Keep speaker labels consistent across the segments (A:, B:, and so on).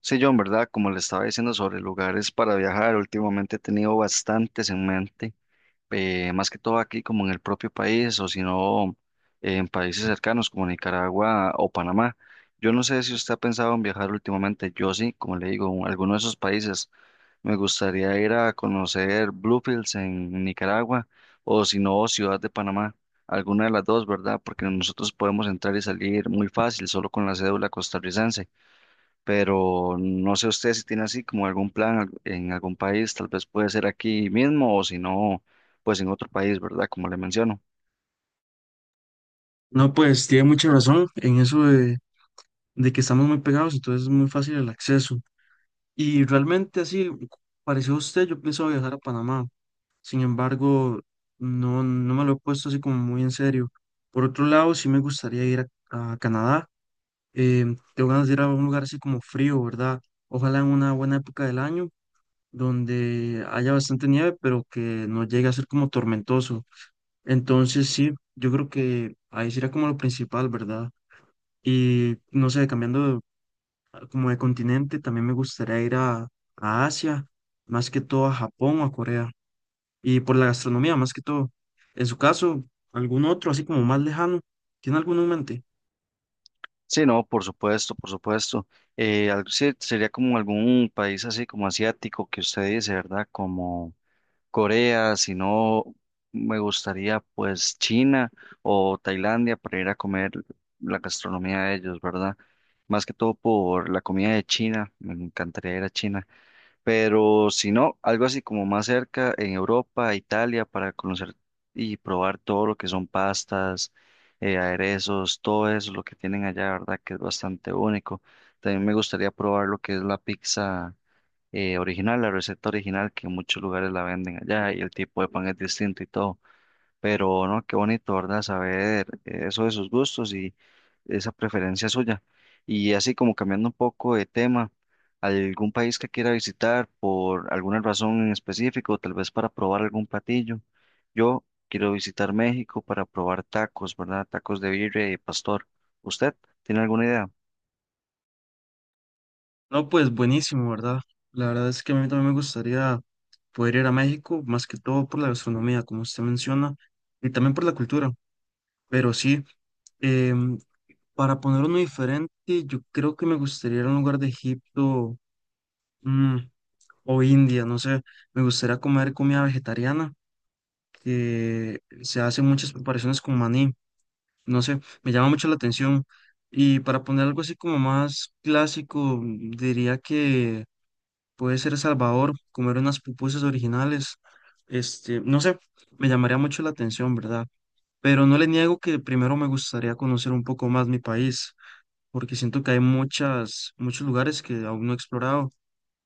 A: Sí, John, ¿verdad? Como le estaba diciendo sobre lugares para viajar, últimamente he tenido bastantes en mente, más que todo aquí como en el propio país o si no en países cercanos como Nicaragua o Panamá. Yo no sé si usted ha pensado en viajar últimamente, yo sí, como le digo, en alguno de esos países. Me gustaría ir a conocer Bluefields en Nicaragua o si no Ciudad de Panamá, alguna de las dos, ¿verdad? Porque nosotros podemos entrar y salir muy fácil solo con la cédula costarricense, pero no sé usted si tiene así como algún plan en algún país, tal vez puede ser aquí mismo o si no, pues en otro país, ¿verdad? Como le menciono.
B: No, pues tiene mucha razón en eso de que estamos muy pegados, entonces es muy fácil el acceso. Y realmente así, pareció usted, yo pienso viajar a Panamá. Sin embargo, no, no me lo he puesto así como muy en serio. Por otro lado, sí me gustaría ir a Canadá. eh, Tengo ganas de ir a un lugar así como frío, ¿verdad? Ojalá en una buena época del año, donde haya bastante nieve, pero que no llegue a ser como tormentoso. Entonces sí, yo creo que ahí sería como lo principal, ¿verdad? Y no sé, cambiando como de continente, también me gustaría ir a Asia, más que todo a Japón o a Corea, y por la gastronomía, más que todo. En su caso, algún otro, así como más lejano, ¿tiene alguno en mente?
A: Sí, no, por supuesto, por supuesto. Sí, sería como algún país así como asiático que usted dice, ¿verdad? Como Corea, si no, me gustaría pues China o Tailandia para ir a comer la gastronomía de ellos, ¿verdad? Más que todo por la comida de China, me encantaría ir a China. Pero si no, algo así como más cerca en Europa, Italia, para conocer y probar todo lo que son pastas, aderezos, todo eso, lo que tienen allá, ¿verdad? Que es bastante único. También me gustaría probar lo que es la pizza original, la receta original, que en muchos lugares la venden allá y el tipo de pan es distinto y todo. Pero no, qué bonito, ¿verdad? Saber eso de sus gustos y esa preferencia suya. Y así como cambiando un poco de tema, algún país que quiera visitar por alguna razón en específico, tal vez para probar algún platillo. Yo quiero visitar México para probar tacos, ¿verdad? Tacos de birria y pastor. ¿Usted tiene alguna idea?
B: No, pues buenísimo, ¿verdad? La verdad es que a mí también me gustaría poder ir a México, más que todo por la gastronomía, como usted menciona, y también por la cultura. Pero sí, em, para poner uno diferente, yo creo que me gustaría ir a un lugar de Egipto. mm, o India, no sé, me gustaría comer comida vegetariana, que se hacen muchas preparaciones con maní, no sé, me llama mucho la atención. Y para poner algo así como más clásico, diría que puede ser El Salvador, comer unas pupusas originales, este, no sé, me llamaría mucho la atención, ¿verdad? Pero no le niego que primero me gustaría conocer un poco más mi país, porque siento que hay muchos lugares que aún no he explorado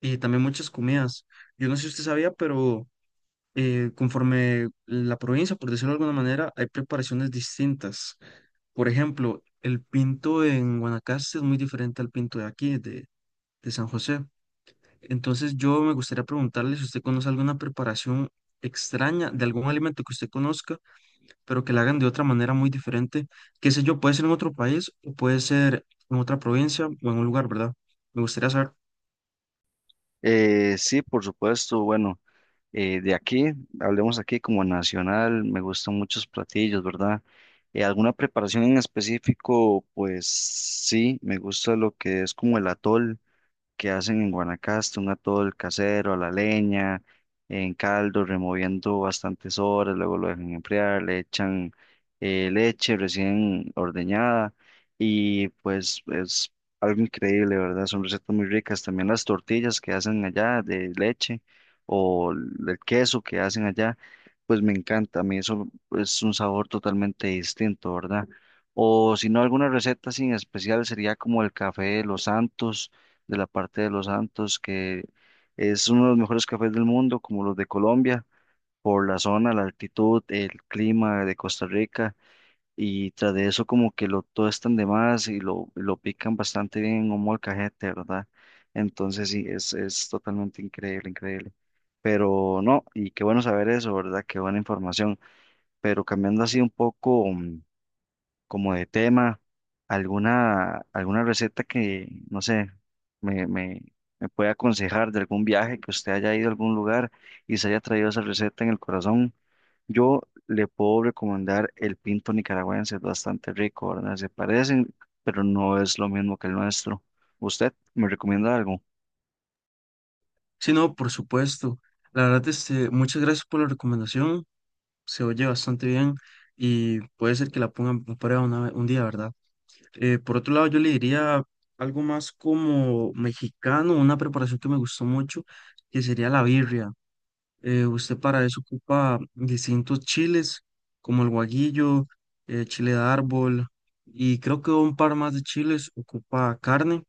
B: y también muchas comidas. Yo no sé si usted sabía, pero conforme la provincia, por decirlo de alguna manera, hay preparaciones distintas. Por ejemplo, el pinto en Guanacaste es muy diferente al pinto de aquí, de San José. Entonces, yo me gustaría preguntarle si usted conoce alguna preparación extraña de algún alimento que usted conozca, pero que la hagan de otra manera muy diferente. Qué sé yo, puede ser en otro país o puede ser en otra provincia o en un lugar, ¿verdad? Me gustaría saber.
A: Sí, por supuesto. Bueno, de aquí, hablemos aquí como nacional, me gustan muchos platillos, ¿verdad? ¿Alguna preparación en específico? Pues sí, me gusta lo que es como el atol que hacen en Guanacaste, un atol casero a la leña, en caldo, removiendo bastantes horas, luego lo dejan enfriar, le echan leche recién ordeñada y pues es algo increíble, ¿verdad? Son recetas muy ricas. También las tortillas que hacen allá de leche o el queso que hacen allá, pues me encanta, a mí eso es un sabor totalmente distinto, ¿verdad? O si no, alguna receta sin especial sería como el café de los Santos de la parte de Los Santos, que es uno de los mejores cafés del mundo, como los de Colombia, por la zona, la altitud, el clima de Costa Rica, y tras de eso como que lo tostan de más y lo pican bastante bien en un molcajete, ¿verdad? Entonces sí, es totalmente increíble, increíble. Pero no, y qué bueno saber eso, ¿verdad? Qué buena información. Pero cambiando así un poco como de tema, alguna receta que, no sé, me, me, me pueda aconsejar de algún viaje que usted haya ido a algún lugar y se haya traído esa receta en el corazón. Yo le puedo recomendar el pinto nicaragüense, es bastante rico, ¿verdad? Se parecen, pero no es lo mismo que el nuestro. ¿Usted me recomienda algo?
B: Si no, por supuesto. La verdad, este, muchas gracias por la recomendación. Se oye bastante bien y puede ser que la pongan a prueba un día, ¿verdad? Por otro lado, yo le diría algo más como mexicano, una preparación que me gustó mucho, que sería la birria. Usted para eso ocupa distintos chiles, como el guaguillo, chile de árbol y creo que un par más de chiles ocupa carne.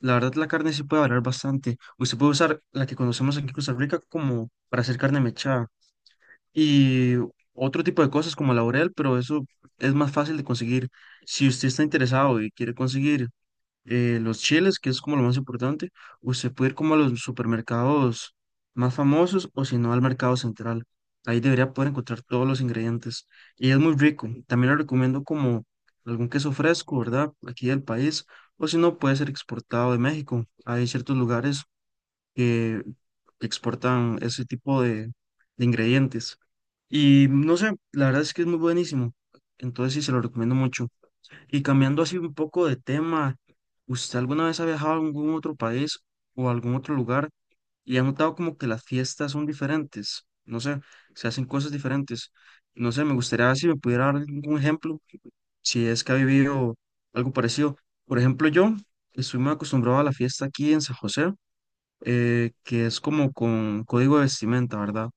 B: La verdad, la carne sí puede variar bastante. Usted puede usar la que conocemos aquí en Costa Rica como para hacer carne mechada y otro tipo de cosas como laurel, pero eso es más fácil de conseguir. Si usted está interesado y quiere conseguir los chiles, que es como lo más importante, usted puede ir como a los supermercados más famosos o si no al mercado central. Ahí debería poder encontrar todos los ingredientes y es muy rico. También le recomiendo como algún queso fresco, ¿verdad? Aquí del país o si no puede ser exportado de México. Hay ciertos lugares que, que exportan ese tipo de ingredientes. Y no sé, la verdad es que es muy buenísimo. Entonces sí, se lo recomiendo mucho. Y cambiando así un poco de tema, ¿usted alguna vez ha viajado a algún otro país o a algún otro lugar y ha notado como que las fiestas son diferentes? No sé, se hacen cosas diferentes. No sé, me gustaría ver si me pudiera dar algún ejemplo, si es que ha vivido algo parecido. Por ejemplo, yo estoy muy acostumbrado a la fiesta aquí en San José. Que es como con código de vestimenta, ¿verdad?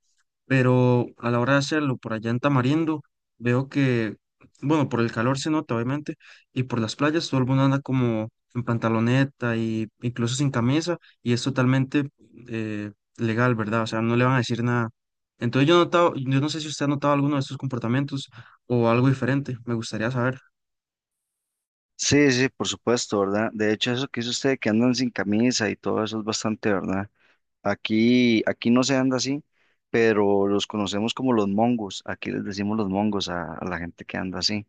B: Pero a la hora de hacerlo por allá en Tamarindo, veo que, bueno, por el calor se nota, obviamente, y por las playas todo el mundo anda como en pantaloneta y incluso sin camisa, y es totalmente eh, legal, ¿verdad? O sea, no le van a decir nada. Entonces yo he notado, yo no sé si usted ha notado alguno de estos comportamientos o algo diferente, me gustaría saber.
A: Sí, sí, por supuesto, ¿verdad? De hecho, eso que hizo usted, que andan sin camisa y todo eso es bastante, ¿verdad? Aquí no se anda así, pero los conocemos como los mongos. Aquí les decimos los mongos a la gente que anda así.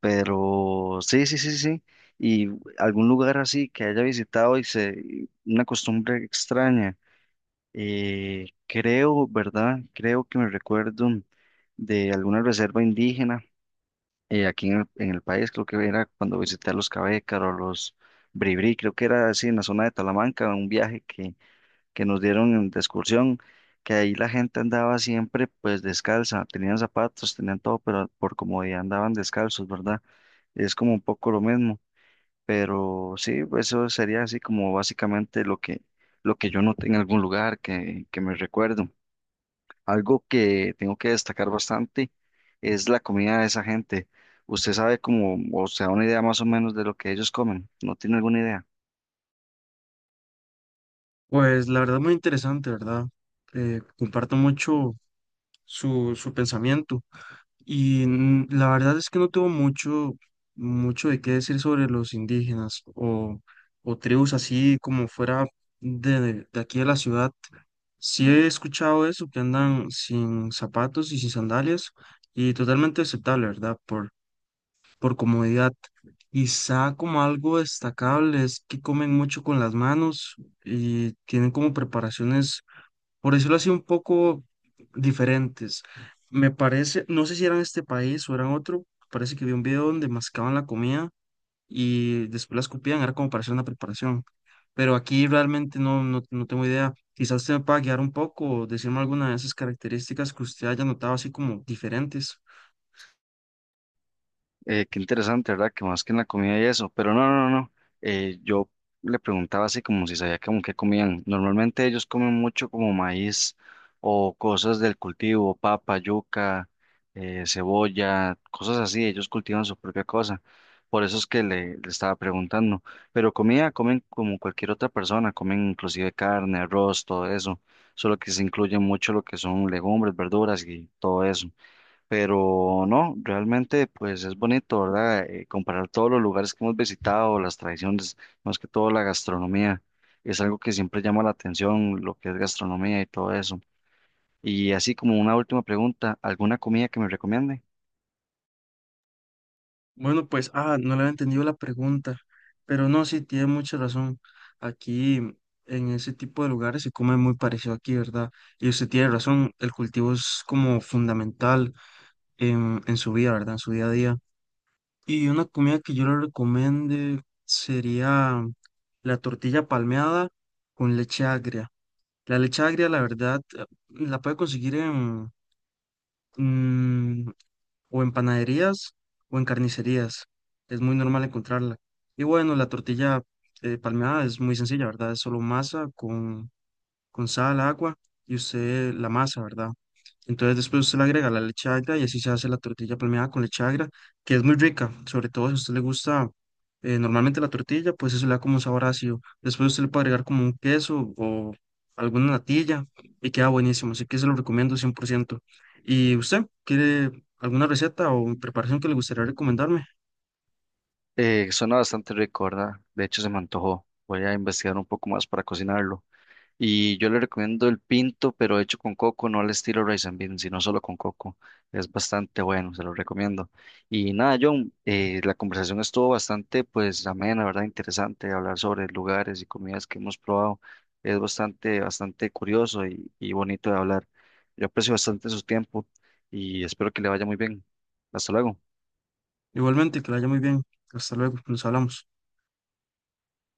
A: Pero sí, sí, sí, sí. Y algún lugar así que haya visitado y se, y una costumbre extraña. Creo, ¿verdad? Creo que me recuerdo de alguna reserva indígena aquí en en el país. Creo que era cuando visité a los Cabécaros, los Bribri, creo que era así en la zona de Talamanca, un viaje que nos dieron de excursión, que ahí la gente andaba siempre pues descalza, tenían zapatos, tenían todo, pero por comodidad andaban descalzos, ¿verdad? Es como un poco lo mismo, pero sí, pues, eso sería así como básicamente lo lo que yo noté en algún lugar que me recuerdo. Algo que tengo que destacar bastante es la comida de esa gente. ¿Usted sabe cómo, o se da una idea más o menos de lo que ellos comen? ¿No tiene alguna idea?
B: Pues la verdad muy interesante, ¿verdad? Comparto mucho su pensamiento. La verdad es que no tengo mucho de qué decir sobre los indígenas o tribus así como fuera de aquí de la ciudad. Sí he escuchado eso, que andan sin zapatos y sin sandalias y totalmente aceptable, ¿verdad? Por comodidad. Quizá como algo destacable es que comen mucho con las manos y tienen como preparaciones, por decirlo así, un poco diferentes. Me parece, no sé si eran este país o eran otro, parece que vi un video donde mascaban la comida y después la escupían, era como para hacer una preparación. Pero aquí realmente no, no tengo idea. Quizás usted me pueda guiar un poco, decirme alguna de esas características que usted haya notado así como diferentes.
A: Qué interesante, ¿verdad? Que más que en la comida y eso. Pero no, no, no. No. Yo le preguntaba así como si sabía como qué comían. Normalmente ellos comen mucho como maíz o cosas del cultivo, papa, yuca, cebolla, cosas así. Ellos cultivan su propia cosa. Por eso es que le estaba preguntando. Pero comida comen como cualquier otra persona. Comen inclusive carne, arroz, todo eso. Solo que se incluye mucho lo que son legumbres, verduras y todo eso. Pero no, realmente pues es bonito, ¿verdad? Comparar todos los lugares que hemos visitado, las tradiciones, más que todo la gastronomía, es algo que siempre llama la atención, lo que es gastronomía y todo eso. Y así como una última pregunta, ¿alguna comida que me recomiende?
B: Bueno, pues, ah, no le había entendido la pregunta, pero no, sí, tiene mucha razón. Aquí, en ese tipo de lugares, se come muy parecido aquí, ¿verdad? Y usted tiene razón, el cultivo es como fundamental en su vida, ¿verdad? En su día a día. Y una comida que yo le recomiende sería la tortilla palmeada con leche agria. La leche agria, la verdad, la puede conseguir mm, o en panaderías o en carnicerías. Es muy normal encontrarla. Y bueno, la tortilla palmeada es muy sencilla, ¿verdad? Es solo masa con sal, agua y usted la masa, ¿verdad? Entonces después usted le agrega la leche agria y así se hace la tortilla palmeada con leche agria, que es muy rica, sobre todo si a usted le gusta normalmente la tortilla, pues eso le da como un sabor ácido. Después usted le puede agregar como un queso o alguna natilla y queda buenísimo, así que se lo recomiendo 100%. ¿Y usted quiere alguna receta o preparación que le gustaría recomendarme?
A: Suena bastante rico, ¿verdad? De hecho se me antojó. Voy a investigar un poco más para cocinarlo. Y yo le recomiendo el pinto, pero hecho con coco, no al estilo rice and bean, sino solo con coco. Es bastante bueno, se lo recomiendo. Y nada, John, la conversación estuvo bastante, pues, amena, ¿verdad? Interesante hablar sobre lugares y comidas que hemos probado. Es bastante, bastante curioso y bonito de hablar. Yo aprecio bastante su tiempo y espero que le vaya muy bien. Hasta luego.
B: Igualmente, que la haya muy bien. Hasta luego, nos hablamos.